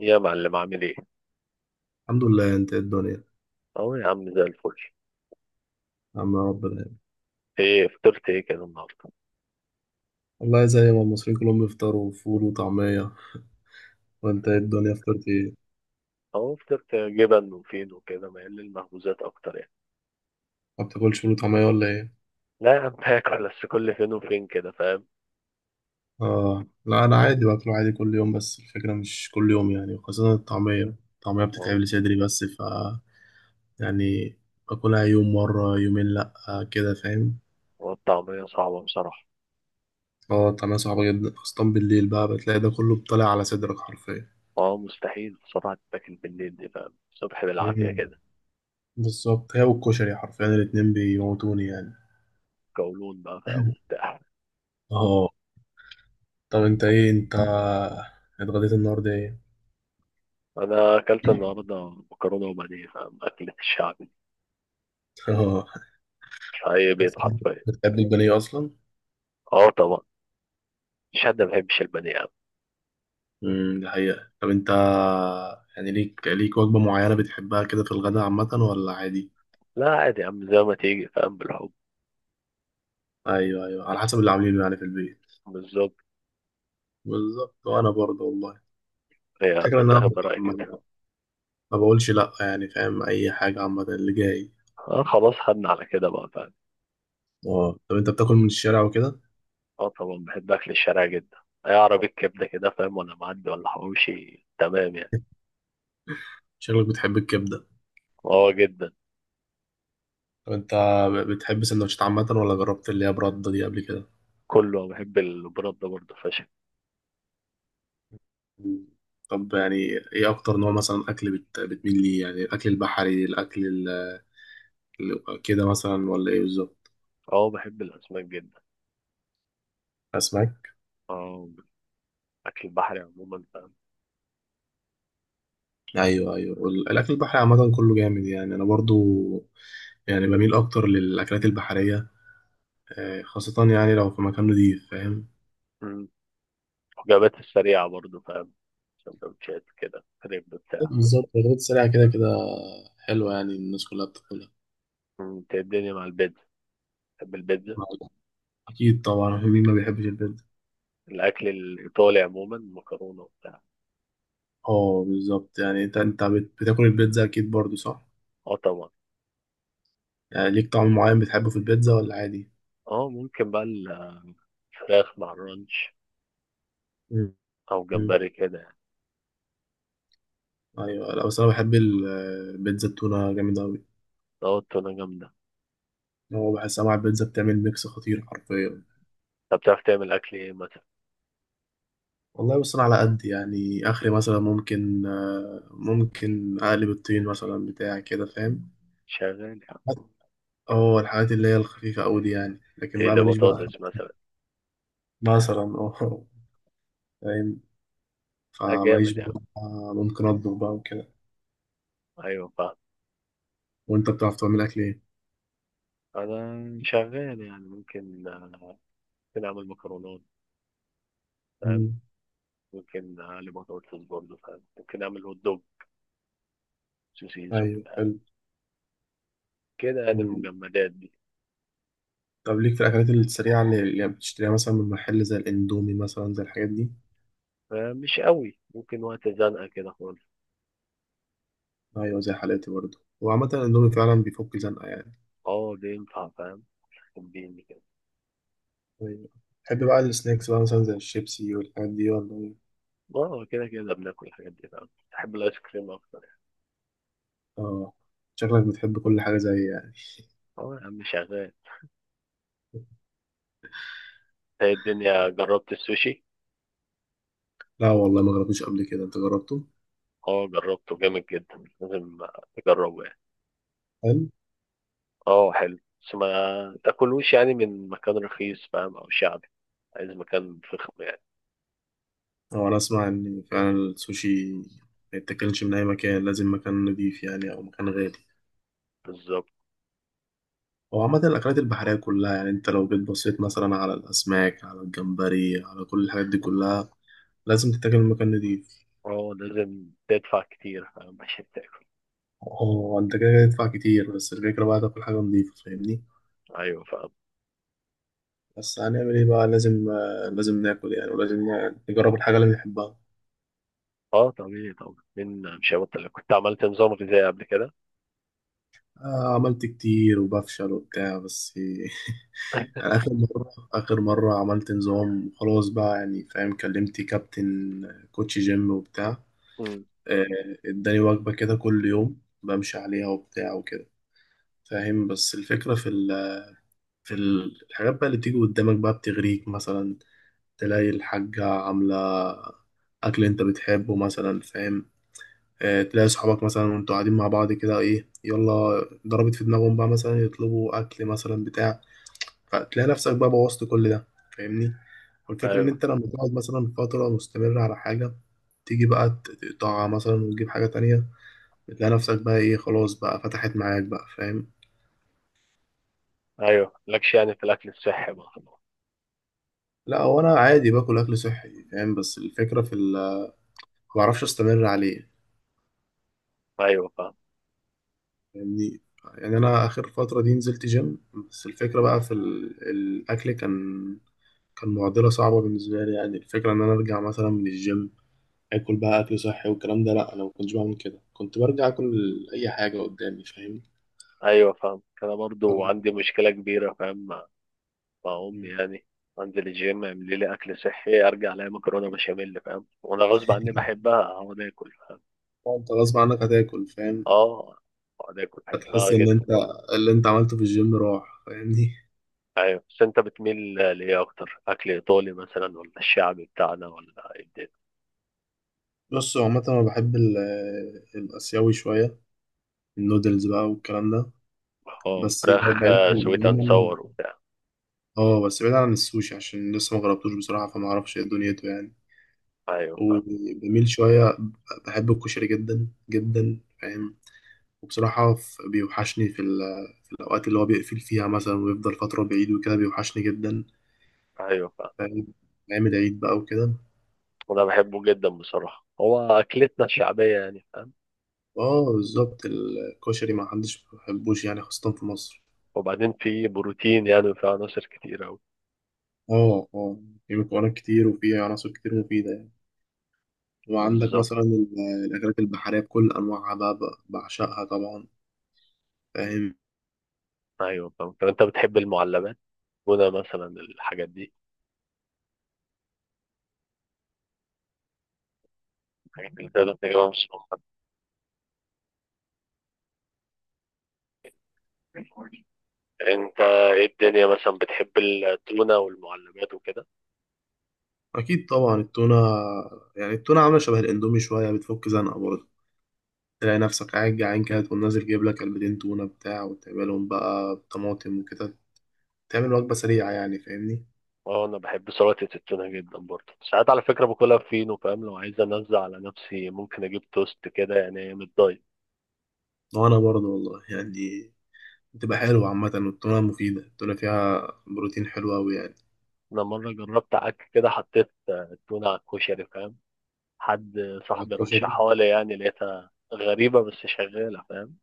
يا معلم عامل ايه؟ الحمد لله. انت ايه الدنيا؟ اهو يا عم زي الفل. يا عم يا رب العالمين. ايه فطرت ايه كده النهارده؟ والله زي ما المصريين كلهم يفطروا فول وطعمية. وانت ايه الدنيا، فطرت ايه؟ اهو فطرت جبن وفين وكده مايل للمخبوزات اكتر يعني. ما بتاكلش فول وطعمية ولا ايه؟ لا يا عم باكل بس كل فين وفين كده فاهم؟ اه لا، انا عادي باكله عادي كل يوم، بس الفكرة مش كل يوم يعني، خاصة الطعمية بتتعب و- لي صدري، بس ف يعني باكلها يوم، مرة يومين، لا آه كده فاهم. والطعمية صعبة بصراحة. اه الطعمية صعبة جدا، خاصة بالليل بقى بتلاقي ده كله طالع على صدرك حرفيا. اه مستحيل بصراحة تتاكل بالليل دي فاهم؟ الصبح بالعافية مم. كده. بالظبط، هي والكشري حرفيا الاتنين بيموتوني يعني. قولون بقى فاهم وبتاع. اه. طب انت اتغديت النهارده ايه؟ انا اكلت النهارده مكرونة وبانيه فاهم؟ اكلة الشعب دي اه. في اي بيت حرفيا. بتحب البانيه اصلا؟ اه طبعا. مش حد ما بيحبش البانيه يا عم. دي حقيقة. طب انت، يعني ليك وجبة معينة بتحبها كده في الغداء عامة، ولا عادي؟ لا عادي يا عم زي ما تيجي فاهم بالحب. ايوه، ايوه، على حسب اللي عاملينه يعني في البيت. بالظبط. بالظبط، وانا برضه والله. هي الفكرة ان انا بتتاخد برأي ما كده. ما بقولش لا يعني، فاهم؟ اي حاجة عامة اللي جاي. اه خلاص خدنا على كده بقى فاهم. اه. طب انت بتاكل من الشارع وكده؟ اه طبعا بحب اكل الشارع جدا. اي عربية كبدة كده فاهم وانا معدي ولا حواوشي تمام يعني. شكلك بتحب الكبدة. اه جدا. طب انت، بتحب سندوتشات عامة، ولا جربت اللي هي برده دي قبل كده؟ كله بحب البرد ده برضه فشخ. طب يعني، ايه اكتر نوع مثلا اكل بتميل ليه، يعني الاكل البحري، الاكل كده مثلا، ولا ايه بالظبط؟ اه بحب الاسماك جدا. اسماك. اه اكل البحري عموما فاهم. ايوه ايوه، وال- الاكل البحري عامه كله جامد يعني، انا برضو يعني بميل اكتر للاكلات البحريه. خاصه يعني لو في مكان نضيف فاهم. مم. وجبات السريعة برضه فاهم. سندوتشات كده كريب بتاع. بالظبط، الرد السريع كده كده. حلوة يعني، الناس كلها بتاكلها. مم. إنت إيه الدنيا مع البيتزا؟ بحب البيتزا. اكيد طبعا مين ما بيحبش البيتزا. الاكل الايطالي عموما مكرونة وبتاع. اه بالظبط، يعني انت بتاكل البيتزا اكيد برضو، صح؟ اه طبعا. يعني ليك طعم معين بتحبه في البيتزا، ولا عادي؟ اه ممكن بقى الفراخ مع الرانش او مم. جمبري كده يعني. ايوه، لا بس انا بحب البيتزا التونه جامده قوي. اه التونة جامدة. هو بحسها مع البيتزا بتعمل ميكس خطير حرفيا. طب بتعرف تعمل أكل إيه مثلا؟ والله بص، انا على قد يعني اخري، مثلا ممكن ممكن اقلب الطين مثلا بتاع كده فاهم. شغال يا عم. اه الحاجات اللي هي الخفيفه قوي دي يعني، لكن بقى تقلي ماليش بقى. بطاطس مثلا. مثلا اه، فاهم. لا فماليش جامد يا بقى، عم. ممكن اطبخ بقى وكده. أيوة فاهم. وانت بتعرف تعمل اكل ايه؟ أنا شغال يعني ممكن أعمل مكرونات فاهم. مم. ممكن أقلي بطاطس برضه فاهم. ممكن أعمل هوت دوج سوسيس ايوه وبتاع. حلو. كده يعني مم. المجمدات دي. طب ليك في الاكلات السريعه اللي بتشتريها مثلا من محل زي الاندومي مثلا، زي الحاجات دي؟ مش قوي ممكن وقت زنقة كده خالص. ايوه، زي حالاتي برضه. وعامة الاندومي فعلا بيفك زنقة يعني. اه ده ينفع فاهم. تديني كده. ايوه. تحب بقى السناكس بقى مثلا زي الشيبسي والحاجات دي، ولا ايه؟ اه كده كده بناكل الحاجات دي فاهم بحب الآيس كريم أكتر يعني. اه، شكلك بتحب كل حاجة زي يعني. اه يا عم شغال. إيه الدنيا جربت السوشي؟ لا والله، ما جربتوش قبل كده، انت جربته؟ اه جربته جامد جدا لازم تجربه يعني. هل؟ اه حلو. بس ما تاكلوش يعني من مكان رخيص فاهم او شعبي. عايز مكان فخم يعني. هو انا اسمع ان فعلا السوشي ما يتاكلش من اي مكان، لازم مكان نضيف يعني، او مكان غالي. بالظبط. هو عامة الأكلات البحرية كلها يعني، أنت لو جيت بصيت مثلا على الأسماك، على الجمبري، على كل الحاجات دي كلها، لازم تتاكل من مكان نضيف. اه لازم تدفع كتير فاهم عشان تاكل. هو انت كده كده تدفع كتير، بس الفكرة بقى تاكل حاجة نضيفة فاهمني؟ ايوه فاهم. بس هنعمل ايه بقى، لازم لازم ناكل يعني، ولازم نجرب الحاجة اللي بنحبها. اه طبيعي طبعا من مش هبطل كنت عملت نظام غذائي قبل كده. آه عملت كتير وبفشل وبتاع بس يعني آخر مرة عملت نظام خلاص بقى يعني، فاهم؟ كلمت كابتن كوتش جيم وبتاع. امم. آه، اداني وجبة كده كل يوم بمشي عليها وبتاع وكده فاهم. بس الفكرة في الحاجات بقى اللي بتيجي قدامك بقى بتغريك مثلا، تلاقي الحاجة عاملة أكل أنت بتحبه مثلا فاهم. تلاقي صحابك مثلا وأنتوا قاعدين مع بعض كده، إيه يلا، ضربت في دماغهم بقى مثلا، يطلبوا أكل مثلا بتاع، فتلاقي نفسك بقى بوظت كل ده فاهمني. والفكرة إن ايوه أنت لما تقعد مثلا فترة مستمرة على حاجة، تيجي بقى تقطعها مثلا، وتجيب حاجة تانية، بتلاقي نفسك بقى إيه، خلاص بقى فتحت معاك بقى فاهم. ايوه مالكش يعني في الاكل الصحي بقى خلاص. لا هو أنا عادي باكل أكل صحي فاهم، بس الفكرة ما بعرفش أستمر عليه ايوه فاهم. يعني. يعني انا اخر فتره دي نزلت جيم، بس الفكره بقى في الاكل كان معضله صعبه بالنسبه لي. يعني الفكره ان انا ارجع مثلا من الجيم اكل بقى اكل صحي والكلام ده، لا انا ما كنتش بعمل كده، كنت برجع اكل اي حاجه قدامي فاهم. ايوه فاهم انا طب. برضو عندي مشكله كبيره فاهم. بقوم مم. يعني انزل الجيم اعمل لي اكل صحي ارجع الاقي مكرونه بشاميل فاهم وانا غصب عني بحبها اقعد اكل فاهم. انت غصب عنك هتاكل فاهم، اه اقعد اكل بحبها هتحس ان انت جدا. اللي انت عملته في الجيم راح فاهمني. ايوه بس انت بتميل لايه اكتر اكل ايطالي مثلا ولا الشعبي بتاعنا ولا ايه الدنيا؟ بص هو عامه انا بحب الاسيوي شويه، النودلز بقى والكلام ده، اه بس فراخ. بعيدا، سويت اند صور وبتاع. اه بس بعيد عن السوشي عشان لسه ما جربتوش بصراحة، فما اعرفش ايه دنيته يعني. ايوه فاهم. وبميل شوية، بحب الكشري جدا جدا فاهم. وبصراحة بيوحشني في الأوقات اللي هو بيقفل فيها مثلا، ويفضل فترة بعيد وكده بيوحشني جدا ايوه فاهم فاهم. نعمل عيد بقى وكده. وانا بحبه جدا بصراحه هو اكلتنا الشعبيه يعني فاهم. اه بالظبط، الكشري ما حدش ما بيحبوش يعني، خاصة في مصر. وبعدين فيه بروتين يعني وفيه عناصر كتير اوي. اه اه، في مكونات كتير، وفي عناصر كتير مفيدة يعني. وعندك بالظبط. مثلا الأكلات البحرية بكل أنواعها، بقى بعشقها طبعا فاهم. ايوه فاهم. طب انت بتحب المعلبات موجودة مثلا الحاجات دي، الحاجات اللي تقدر تجيبها من السوبر ماركت؟ انت ايه الدنيا مثلا بتحب التونة والمعلبات وكده؟ اكيد طبعا التونه. يعني التونه عامله شبه الاندومي شويه، بتفك زنقه برضه. تلاقي نفسك قاعد جعان كده تقوم نازل جايب لك علبتين تونه بتاع، وتعملهم بقى طماطم وكده، تعمل وجبه سريعه يعني فاهمني. اه انا بحب سلطة التونة جدا برضه ساعات، على فكرة باكلها فينو فاهم لو عايز انزع على نفسي ممكن اجيب توست كده يعني من الدايت. وانا برضه والله يعني، بتبقى حلوه عامه. والتونه مفيده، التونه فيها بروتين حلو قوي يعني. انا مرة جربت عك كده حطيت التونة على الكشري فاهم. حد صاحبي الكشري رشحها لي يعني لقيتها غريبة بس شغالة فاهم.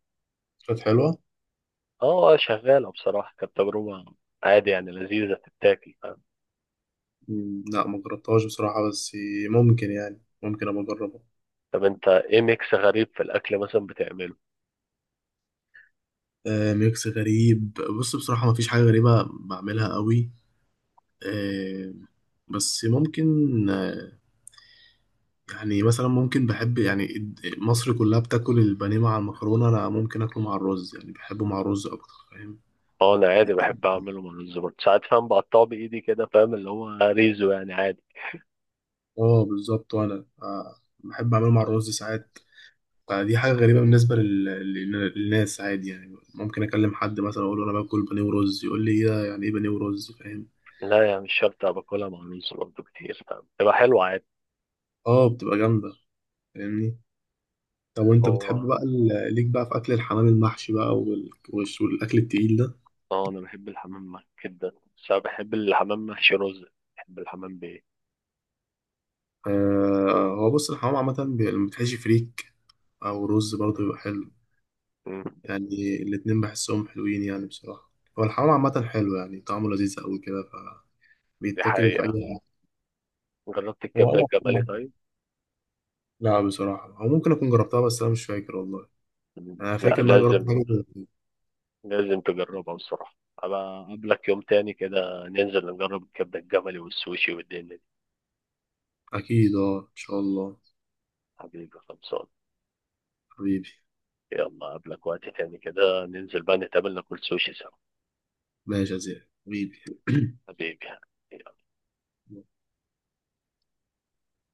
كانت حلوه. اه شغالة بصراحة كانت تجربة عادي يعني، لذيذة تتاكل. لا ما جربتهاش بصراحه، بس ممكن يعني، ممكن ابقى اجربها. طب انت ايه ميكس غريب في الاكل مثلا بتعمله؟ ميكس غريب. بص بصراحه ما فيش حاجه غريبه بعملها قوي. آه، بس ممكن، يعني مثلا ممكن بحب يعني مصر كلها بتاكل البانيه مع المكرونة، أنا ممكن أكله مع الرز يعني، بحبه مع الرز أكتر فاهم. اه انا عادي بحب اعمله مع الرز برضه ساعات فاهم، بقطعه بايدي كده فاهم اللي هو ريزو يعني عادي. اه بالظبط، وأنا بحب أعمله مع الرز ساعات. فدي حاجة غريبة بالنسبة للناس، عادي يعني. ممكن أكلم حد مثلا أقول له أنا باكل بانيه ورز، يقول لي إيه ده؟ يعني إيه بانيه ورز فاهم. لا يعني مش شرط أبقى باكلها مع الرز، برضه كتير فاهم تبقى حلوه عادي. اه بتبقى جامدة فاهمني. طب وأنت بتحب هو بقى ليك بقى في أكل الحمام المحشي بقى والأكل التقيل ده؟ اه انا بحب الحمام محشي جدا. بس انا بحب الحمام محشي رز. بحب الحمام بايه. هو بص الحمام عامة لما بتحشي فريك أو رز برضه بيبقى حلو. مم. يعني الاتنين بحسهم حلوين يعني بصراحة. هو الحمام عامة حلو يعني، طعمه لذيذ أوي كده، دي فبيتاكل في أي حقيقة. حاجة. جربت هو الكبدة أنا الجمالي أكون- طيب؟ لا بصراحة، هو ممكن أكون جربتها بس أنا مش فاكر والله. مم. أنا لا فاكر إن أنا جربت لازم. حاجة. لازم تجربها بصراحة، أبقى أقابلك يوم تاني كده ننزل نجرب الكبدة الجملي والسوشي والدنيا دي. أكيد أه، إن شاء الله. حبيبي خلصان. حبيبي. يلا قبلك وقت تاني كده ننزل بقى نتقابل ناكل سوشي سوا. ماشي يا زياد حبيبي. حبيبي.